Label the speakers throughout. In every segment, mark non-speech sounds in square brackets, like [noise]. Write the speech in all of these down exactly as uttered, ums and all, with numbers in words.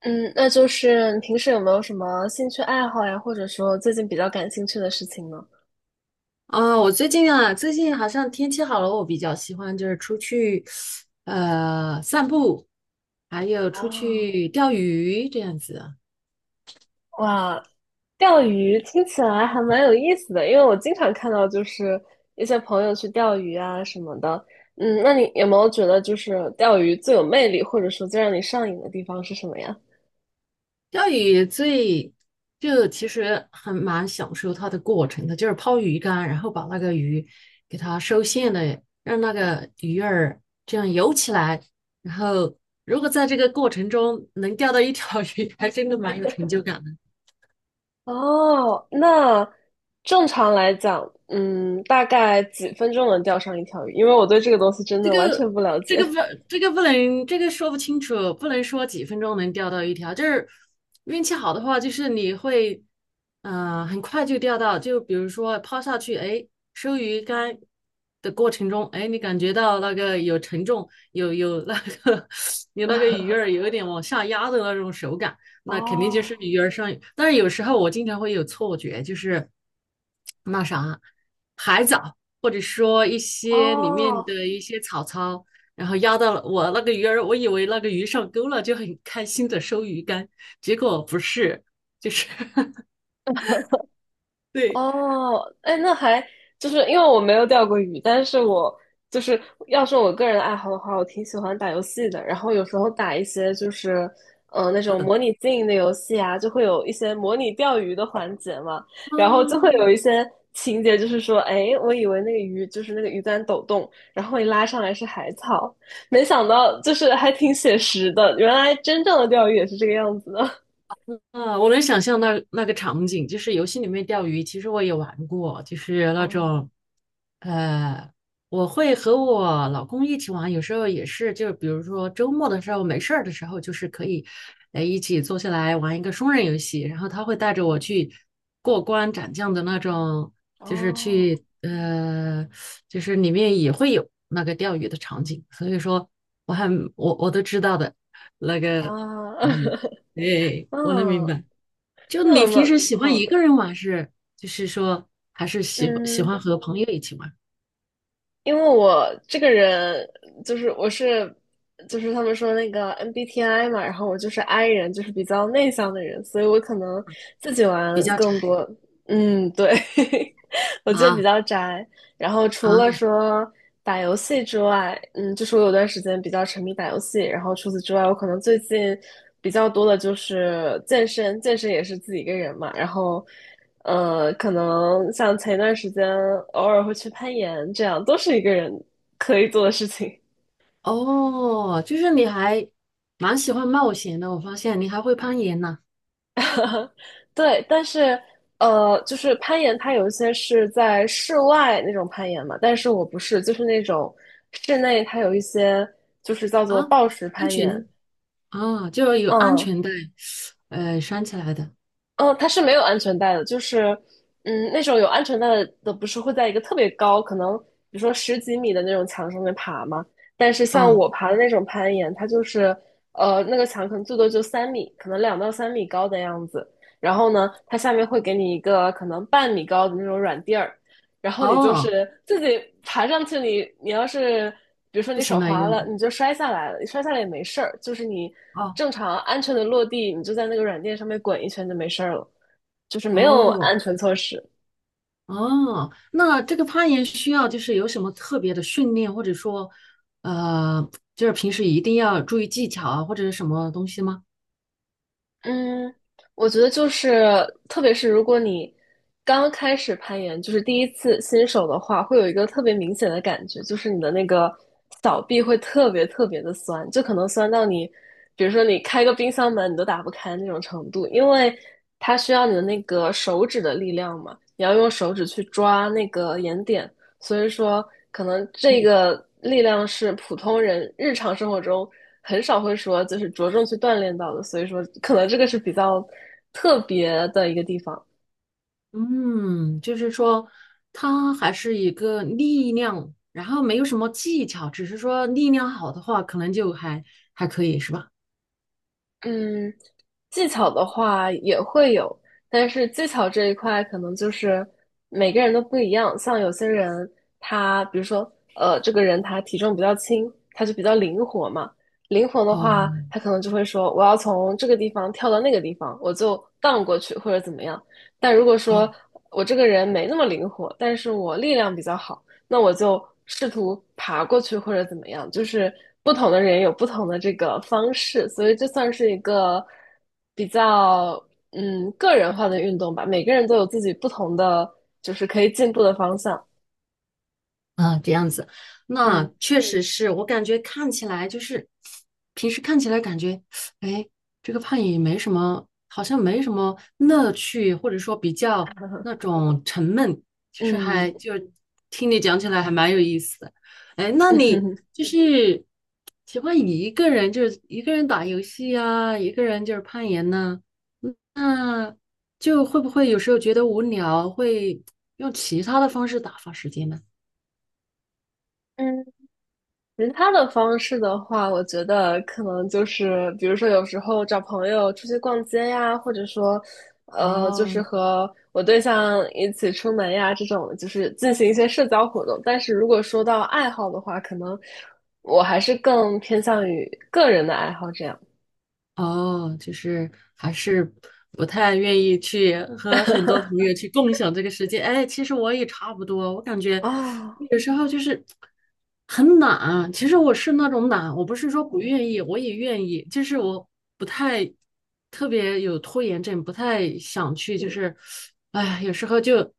Speaker 1: 嗯，那就是你平时有没有什么兴趣爱好呀，或者说最近比较感兴趣的事情呢？
Speaker 2: 啊，我最近啊，最近好像天气好了，我比较喜欢就是出去，呃，散步，还有出
Speaker 1: 啊，
Speaker 2: 去钓鱼这样子。
Speaker 1: 哇，钓鱼听起来还蛮有意思的，因为我经常看到就是一些朋友去钓鱼啊什么的。嗯，那你有没有觉得就是钓鱼最有魅力，或者说最让你上瘾的地方是什么呀？
Speaker 2: 钓鱼最就其实很蛮享受它的过程的，就是抛鱼竿，然后把那个鱼给它收线的，让那个鱼儿这样游起来。然后如果在这个过程中能钓到一条鱼，[laughs] 还真的蛮有成就感。
Speaker 1: 哦，那正常来讲，嗯，大概几分钟能钓上一条鱼？因为我对这个东西真
Speaker 2: 这
Speaker 1: 的完全
Speaker 2: 个
Speaker 1: 不了
Speaker 2: 这个
Speaker 1: 解。
Speaker 2: 不这个不能这个说不清楚，不能说几分钟能钓到一条，就是运气好的话，就是你会呃很快就钓到，就比如说抛下去，哎，收鱼竿的过程中，哎，你感觉到那个有沉重，有有那个 [laughs] 有那个鱼儿有一点往下压的那种手感，
Speaker 1: [laughs]
Speaker 2: 那肯定就
Speaker 1: 哦
Speaker 2: 是鱼儿上。但是有时候我经常会有错觉，就是那啥海藻。或者说一些里面
Speaker 1: 哦，
Speaker 2: 的一些草草，然后压到了我那个鱼儿，我以为那个鱼上钩了，就很开心的收鱼竿，结果不是，就是 [laughs] 对
Speaker 1: 哦，哎，那还就是因为我没有钓过鱼，但是我就是要说我个人的爱好的话，我挺喜欢打游戏的。然后有时候打一些就是嗯，呃，那种模拟经营的游戏啊，就会有一些模拟钓鱼的环节嘛。然后就会
Speaker 2: 啊。
Speaker 1: 有一些情节，就是说，哎，我以为那个鱼就是那个鱼竿抖动，然后一拉上来是海草，没想到就是还挺写实的。原来真正的钓鱼也是这个样子的。
Speaker 2: 啊，我能想象那那个场景，就是游戏里面钓鱼，其实我也玩过，就是
Speaker 1: [laughs]
Speaker 2: 那
Speaker 1: 哦，
Speaker 2: 种呃，我会和我老公一起玩，有时候也是，就是比如说周末的时候没事儿的时候，就是可以，呃，一起坐下来玩一个双人游戏，然后他会带着我去过关斩将的那种，就是
Speaker 1: 哦，
Speaker 2: 去，呃，就是里面也会有那个钓鱼的场景，所以说我还我我都知道的，那
Speaker 1: 啊，
Speaker 2: 个，嗯，
Speaker 1: [laughs]
Speaker 2: 对，我能明
Speaker 1: 嗯，
Speaker 2: 白。就你
Speaker 1: 那
Speaker 2: 平时
Speaker 1: 么
Speaker 2: 喜欢
Speaker 1: 好
Speaker 2: 一个
Speaker 1: 的，
Speaker 2: 人玩是，就是说还是喜欢喜
Speaker 1: 嗯，
Speaker 2: 欢和朋友一起玩？
Speaker 1: 因为我这个人就是我是就是他们说那个 M B T I 嘛，然后我就是 I 人，就是比较内向的人，所以我可能自己
Speaker 2: 比
Speaker 1: 玩
Speaker 2: 较
Speaker 1: 更
Speaker 2: 窄
Speaker 1: 多。嗯，对，[laughs] 我就比
Speaker 2: 啊。
Speaker 1: 较宅。然后除
Speaker 2: 啊，
Speaker 1: 了说打游戏之外，嗯，就是我有段时间比较沉迷打游戏，然后除此之外，我可能最近比较多的就是健身，健身也是自己一个人嘛，然后。呃，可能像前一段时间偶尔会去攀岩，这样都是一个人可以做的事情。
Speaker 2: 哦，就是你还蛮喜欢冒险的，我发现你还会攀岩呢。
Speaker 1: 对，但是呃，就是攀岩，它有一些是在室外那种攀岩嘛，但是我不是，就是那种室内它有一些就是叫做
Speaker 2: 啊，
Speaker 1: 抱石
Speaker 2: 安
Speaker 1: 攀岩，
Speaker 2: 全啊，就是有安
Speaker 1: 嗯，
Speaker 2: 全带，呃，拴起来的。
Speaker 1: 嗯，它是没有安全带的，就是，嗯，那种有安全带的的不是会在一个特别高，可能比如说十几米的那种墙上面爬吗？但是像
Speaker 2: 啊，
Speaker 1: 我爬的那种攀岩，它就是，呃，那个墙可能最多就三米，可能两到三米高的样子。然后呢，它下面会给你一个可能半米高的那种软垫儿，然后你就
Speaker 2: 哦，
Speaker 1: 是自己爬上去你，你要是比如说
Speaker 2: 不
Speaker 1: 你
Speaker 2: 行
Speaker 1: 手
Speaker 2: 了，
Speaker 1: 滑
Speaker 2: 又，
Speaker 1: 了，你就摔下来了，你摔下来也没事儿，就是你
Speaker 2: 哦。
Speaker 1: 正常安全的落地，你就在那个软垫上面滚一圈就没事儿了，就是没有
Speaker 2: 哦，
Speaker 1: 安全措施。
Speaker 2: 哦，那这个攀岩需要就是有什么特别的训练，或者说，呃，就是平时一定要注意技巧啊，或者是什么东西吗？
Speaker 1: 嗯，我觉得就是，特别是如果你刚开始攀岩，就是第一次新手的话，会有一个特别明显的感觉，就是你的那个小臂会特别特别的酸，就可能酸到你，比如说你开个冰箱门你都打不开那种程度，因为它需要你的那个手指的力量嘛，你要用手指去抓那个岩点，所以说，可能这个力量是普通人日常生活中很少会说，就是着重去锻炼到的。所以说，可能这个是比较特别的一个地方。
Speaker 2: 嗯，就是说，它还是一个力量，然后没有什么技巧，只是说力量好的话，可能就还还可以，是吧？
Speaker 1: 嗯，技巧的话也会有，但是技巧这一块可能就是每个人都不一样。像有些人他，比如说，呃，这个人他体重比较轻，他就比较灵活嘛。灵活的话，
Speaker 2: 哦。
Speaker 1: 他可能就会说，我要从这个地方跳到那个地方，我就荡过去或者怎么样。但如果
Speaker 2: 哦。
Speaker 1: 说我这个人没那么灵活，但是我力量比较好，那我就试图爬过去或者怎么样，就是不同的人有不同的这个方式，所以这算是一个比较嗯个人化的运动吧。每个人都有自己不同的，就是可以进步的方向。
Speaker 2: 啊，这样子，那
Speaker 1: 嗯
Speaker 2: 确实是我感觉看起来就是，平时看起来感觉，哎，这个攀岩没什么，好像没什么乐趣，或者说比较那种沉闷，就是
Speaker 1: 嗯
Speaker 2: 还就听你讲起来还蛮有意思的。哎，那你
Speaker 1: 嗯 [laughs]
Speaker 2: 就是喜欢一个人，就是一个人打游戏呀、一个人就是攀岩呢、那就会不会有时候觉得无聊，会用其他的方式打发时间呢？
Speaker 1: 嗯，其他的方式的话，我觉得可能就是，比如说有时候找朋友出去逛街呀，或者说，呃，就
Speaker 2: 哦。
Speaker 1: 是和我对象一起出门呀，这种就是进行一些社交活动。但是如果说到爱好的话，可能我还是更偏向于个人的爱好这样
Speaker 2: 哦，就是还是不太愿意去和很多朋友去共享这个时间。哎，其实我也差不多，我感觉
Speaker 1: 啊。
Speaker 2: 有时候就是很懒。其实我是那种懒，我不是说不愿意，我也愿意，就是我不太特别有拖延症，不太想去，就是，哎，有时候就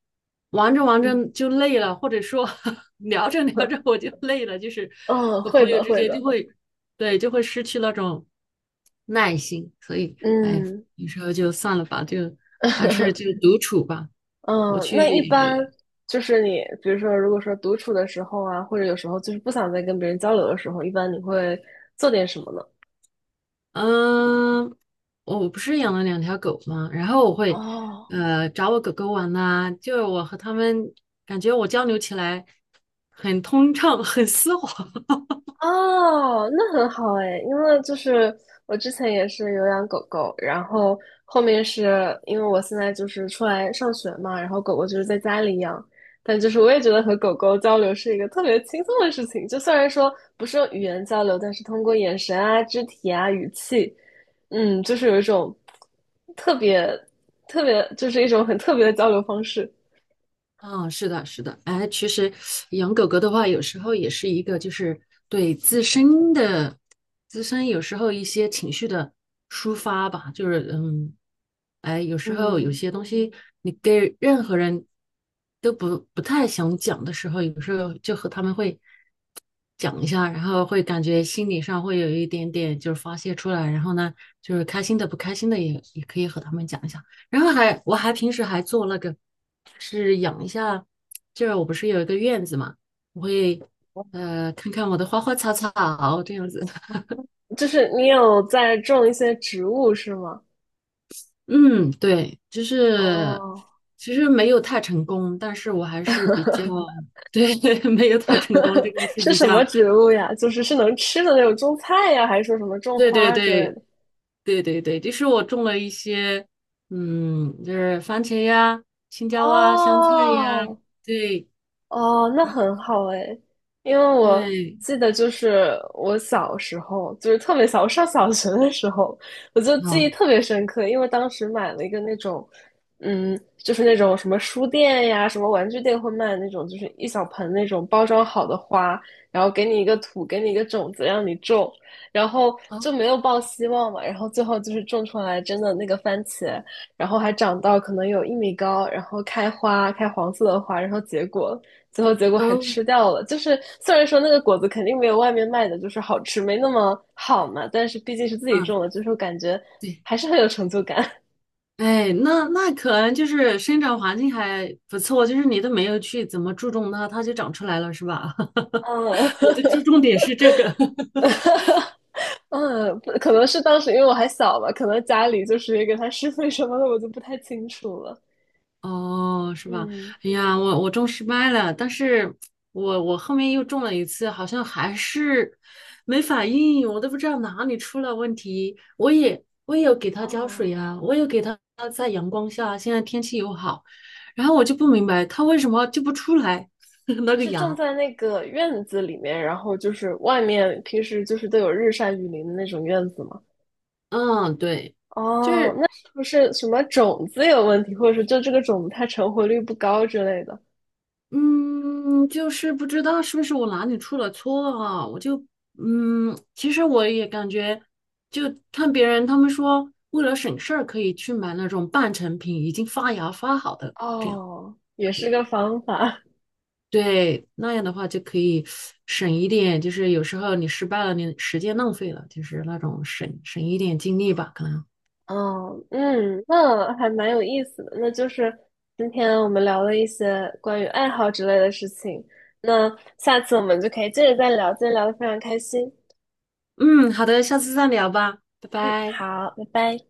Speaker 2: 玩着玩
Speaker 1: 嗯
Speaker 2: 着就累了，或者说 [laughs] 聊着聊着
Speaker 1: [laughs]
Speaker 2: 我就累了，就是
Speaker 1: 嗯，
Speaker 2: 和
Speaker 1: 会
Speaker 2: 朋友
Speaker 1: 的，
Speaker 2: 之
Speaker 1: 会
Speaker 2: 间就
Speaker 1: 的，
Speaker 2: 会。对，就会失去那种耐心，所以哎，
Speaker 1: 嗯。
Speaker 2: 有时候就算了吧，就还是
Speaker 1: [laughs]
Speaker 2: 就独处吧。我
Speaker 1: 嗯，那一般
Speaker 2: 去，
Speaker 1: 就是你，比如说，如果说独处的时候啊，或者有时候就是不想再跟别人交流的时候，一般你会做点什么呢？
Speaker 2: 嗯、我不是养了两条狗吗？然后我会
Speaker 1: 哦，
Speaker 2: 呃找我狗狗玩呐、就是我和它们感觉我交流起来很通畅，很丝滑。
Speaker 1: 哦，那很好哎，因为就是我之前也是有养狗狗，然后后面是因为我现在就是出来上学嘛，然后狗狗就是在家里养，但就是我也觉得和狗狗交流是一个特别轻松的事情，就虽然说不是用语言交流，但是通过眼神啊、肢体啊、语气，嗯，就是有一种特别特别，就是一种很特别的交流方式。
Speaker 2: 嗯，是的，是的，哎，其实养狗狗的话，有时候也是一个，就是对自身的自身有时候一些情绪的抒发吧，就是嗯，哎，有时候有
Speaker 1: 嗯，
Speaker 2: 些东西你跟任何人都不不太想讲的时候，有时候就和他们会讲一下，然后会感觉心理上会有一点点就是发泄出来，然后呢，就是开心的不开心的也也可以和他们讲一下。然后还我还平时还做那个，就是养一下，就是我不是有一个院子嘛，我会呃看看我的花花草草这样子。[laughs]
Speaker 1: 就是你有在种一些植物是吗？
Speaker 2: 嗯，对，就是
Speaker 1: 哦。
Speaker 2: 其实没有太成功，但是我还是比较 [laughs] 对，[laughs] 没有太成功，这个是
Speaker 1: 是
Speaker 2: 比
Speaker 1: 什么
Speaker 2: 较
Speaker 1: 植物呀？就是是能吃的那种种菜呀，还是说什么种
Speaker 2: 对。对
Speaker 1: 花之类
Speaker 2: 对
Speaker 1: 的？
Speaker 2: 对对对，就是我种了一些嗯，就是番茄呀、青椒啊、香菜呀，
Speaker 1: 哦，
Speaker 2: 对
Speaker 1: 哦，那很好哎，因为我
Speaker 2: 对，
Speaker 1: 记得就是我小时候，就是特别小，我上小学的时候，我就记忆
Speaker 2: 好，
Speaker 1: 特别深刻，因为当时买了一个那种，嗯，就是那种什么书店呀、什么玩具店会卖那种，就是一小盆那种包装好的花，然后给你一个土，给你一个种子让你种，然后
Speaker 2: 好，
Speaker 1: 就没有抱希望嘛，然后最后就是种出来真的那个番茄，然后还长到可能有一米高，然后开花，开黄色的花，然后结果。最后结果还
Speaker 2: 嗯
Speaker 1: 吃掉了。就是虽然说那个果子肯定没有外面卖的就是好吃，没那么好嘛，但是毕竟是自己
Speaker 2: 嗯。
Speaker 1: 种的，就是感觉
Speaker 2: 对，
Speaker 1: 还是很有成就感。
Speaker 2: 哎，那那可能就是生长环境还不错，就是你都没有去怎么注重它，它就长出来了，是吧？
Speaker 1: 嗯
Speaker 2: [laughs] 我的注重点是这个，
Speaker 1: [laughs]，嗯，可能是当时因为我还小吧，可能家里就是也给他施肥什么的，我就不太清楚了。
Speaker 2: [laughs] 哦，是吧？
Speaker 1: 嗯，
Speaker 2: 哎呀，我我种失败了，但是我我后面又种了一次，好像还是没反应，我都不知道哪里出了问题。我也我也有给它浇
Speaker 1: 哦，
Speaker 2: 水呀，我有给它在阳光下，现在天气又好，然后我就不明白它为什么就不出来 [laughs] 那
Speaker 1: 你
Speaker 2: 个
Speaker 1: 是种
Speaker 2: 芽。
Speaker 1: 在那个院子里面，然后就是外面平时就是都有日晒雨淋的那种院子吗？
Speaker 2: 嗯，对，就
Speaker 1: 哦，那
Speaker 2: 是，
Speaker 1: 是不是什么种子有问题，或者说就这个种子它成活率不高之类的？
Speaker 2: 嗯，就是不知道是不是我哪里出了错啊？我就，嗯，其实我也感觉，就看别人他们说，为了省事儿，可以去买那种半成品，已经发芽发好的，这样，
Speaker 1: 哦，也是个方法。
Speaker 2: 对，那样的话就可以省一点，就是有时候你失败了，你时间浪费了，就是那种省省一点精力吧，可能。
Speaker 1: 哦，嗯，那还蛮有意思的。那就是今天我们聊了一些关于爱好之类的事情。那下次我们就可以接着再聊，今天聊的非常开心。
Speaker 2: 嗯，好的，下次再聊吧，拜
Speaker 1: 嗯，
Speaker 2: 拜。
Speaker 1: 好，拜拜。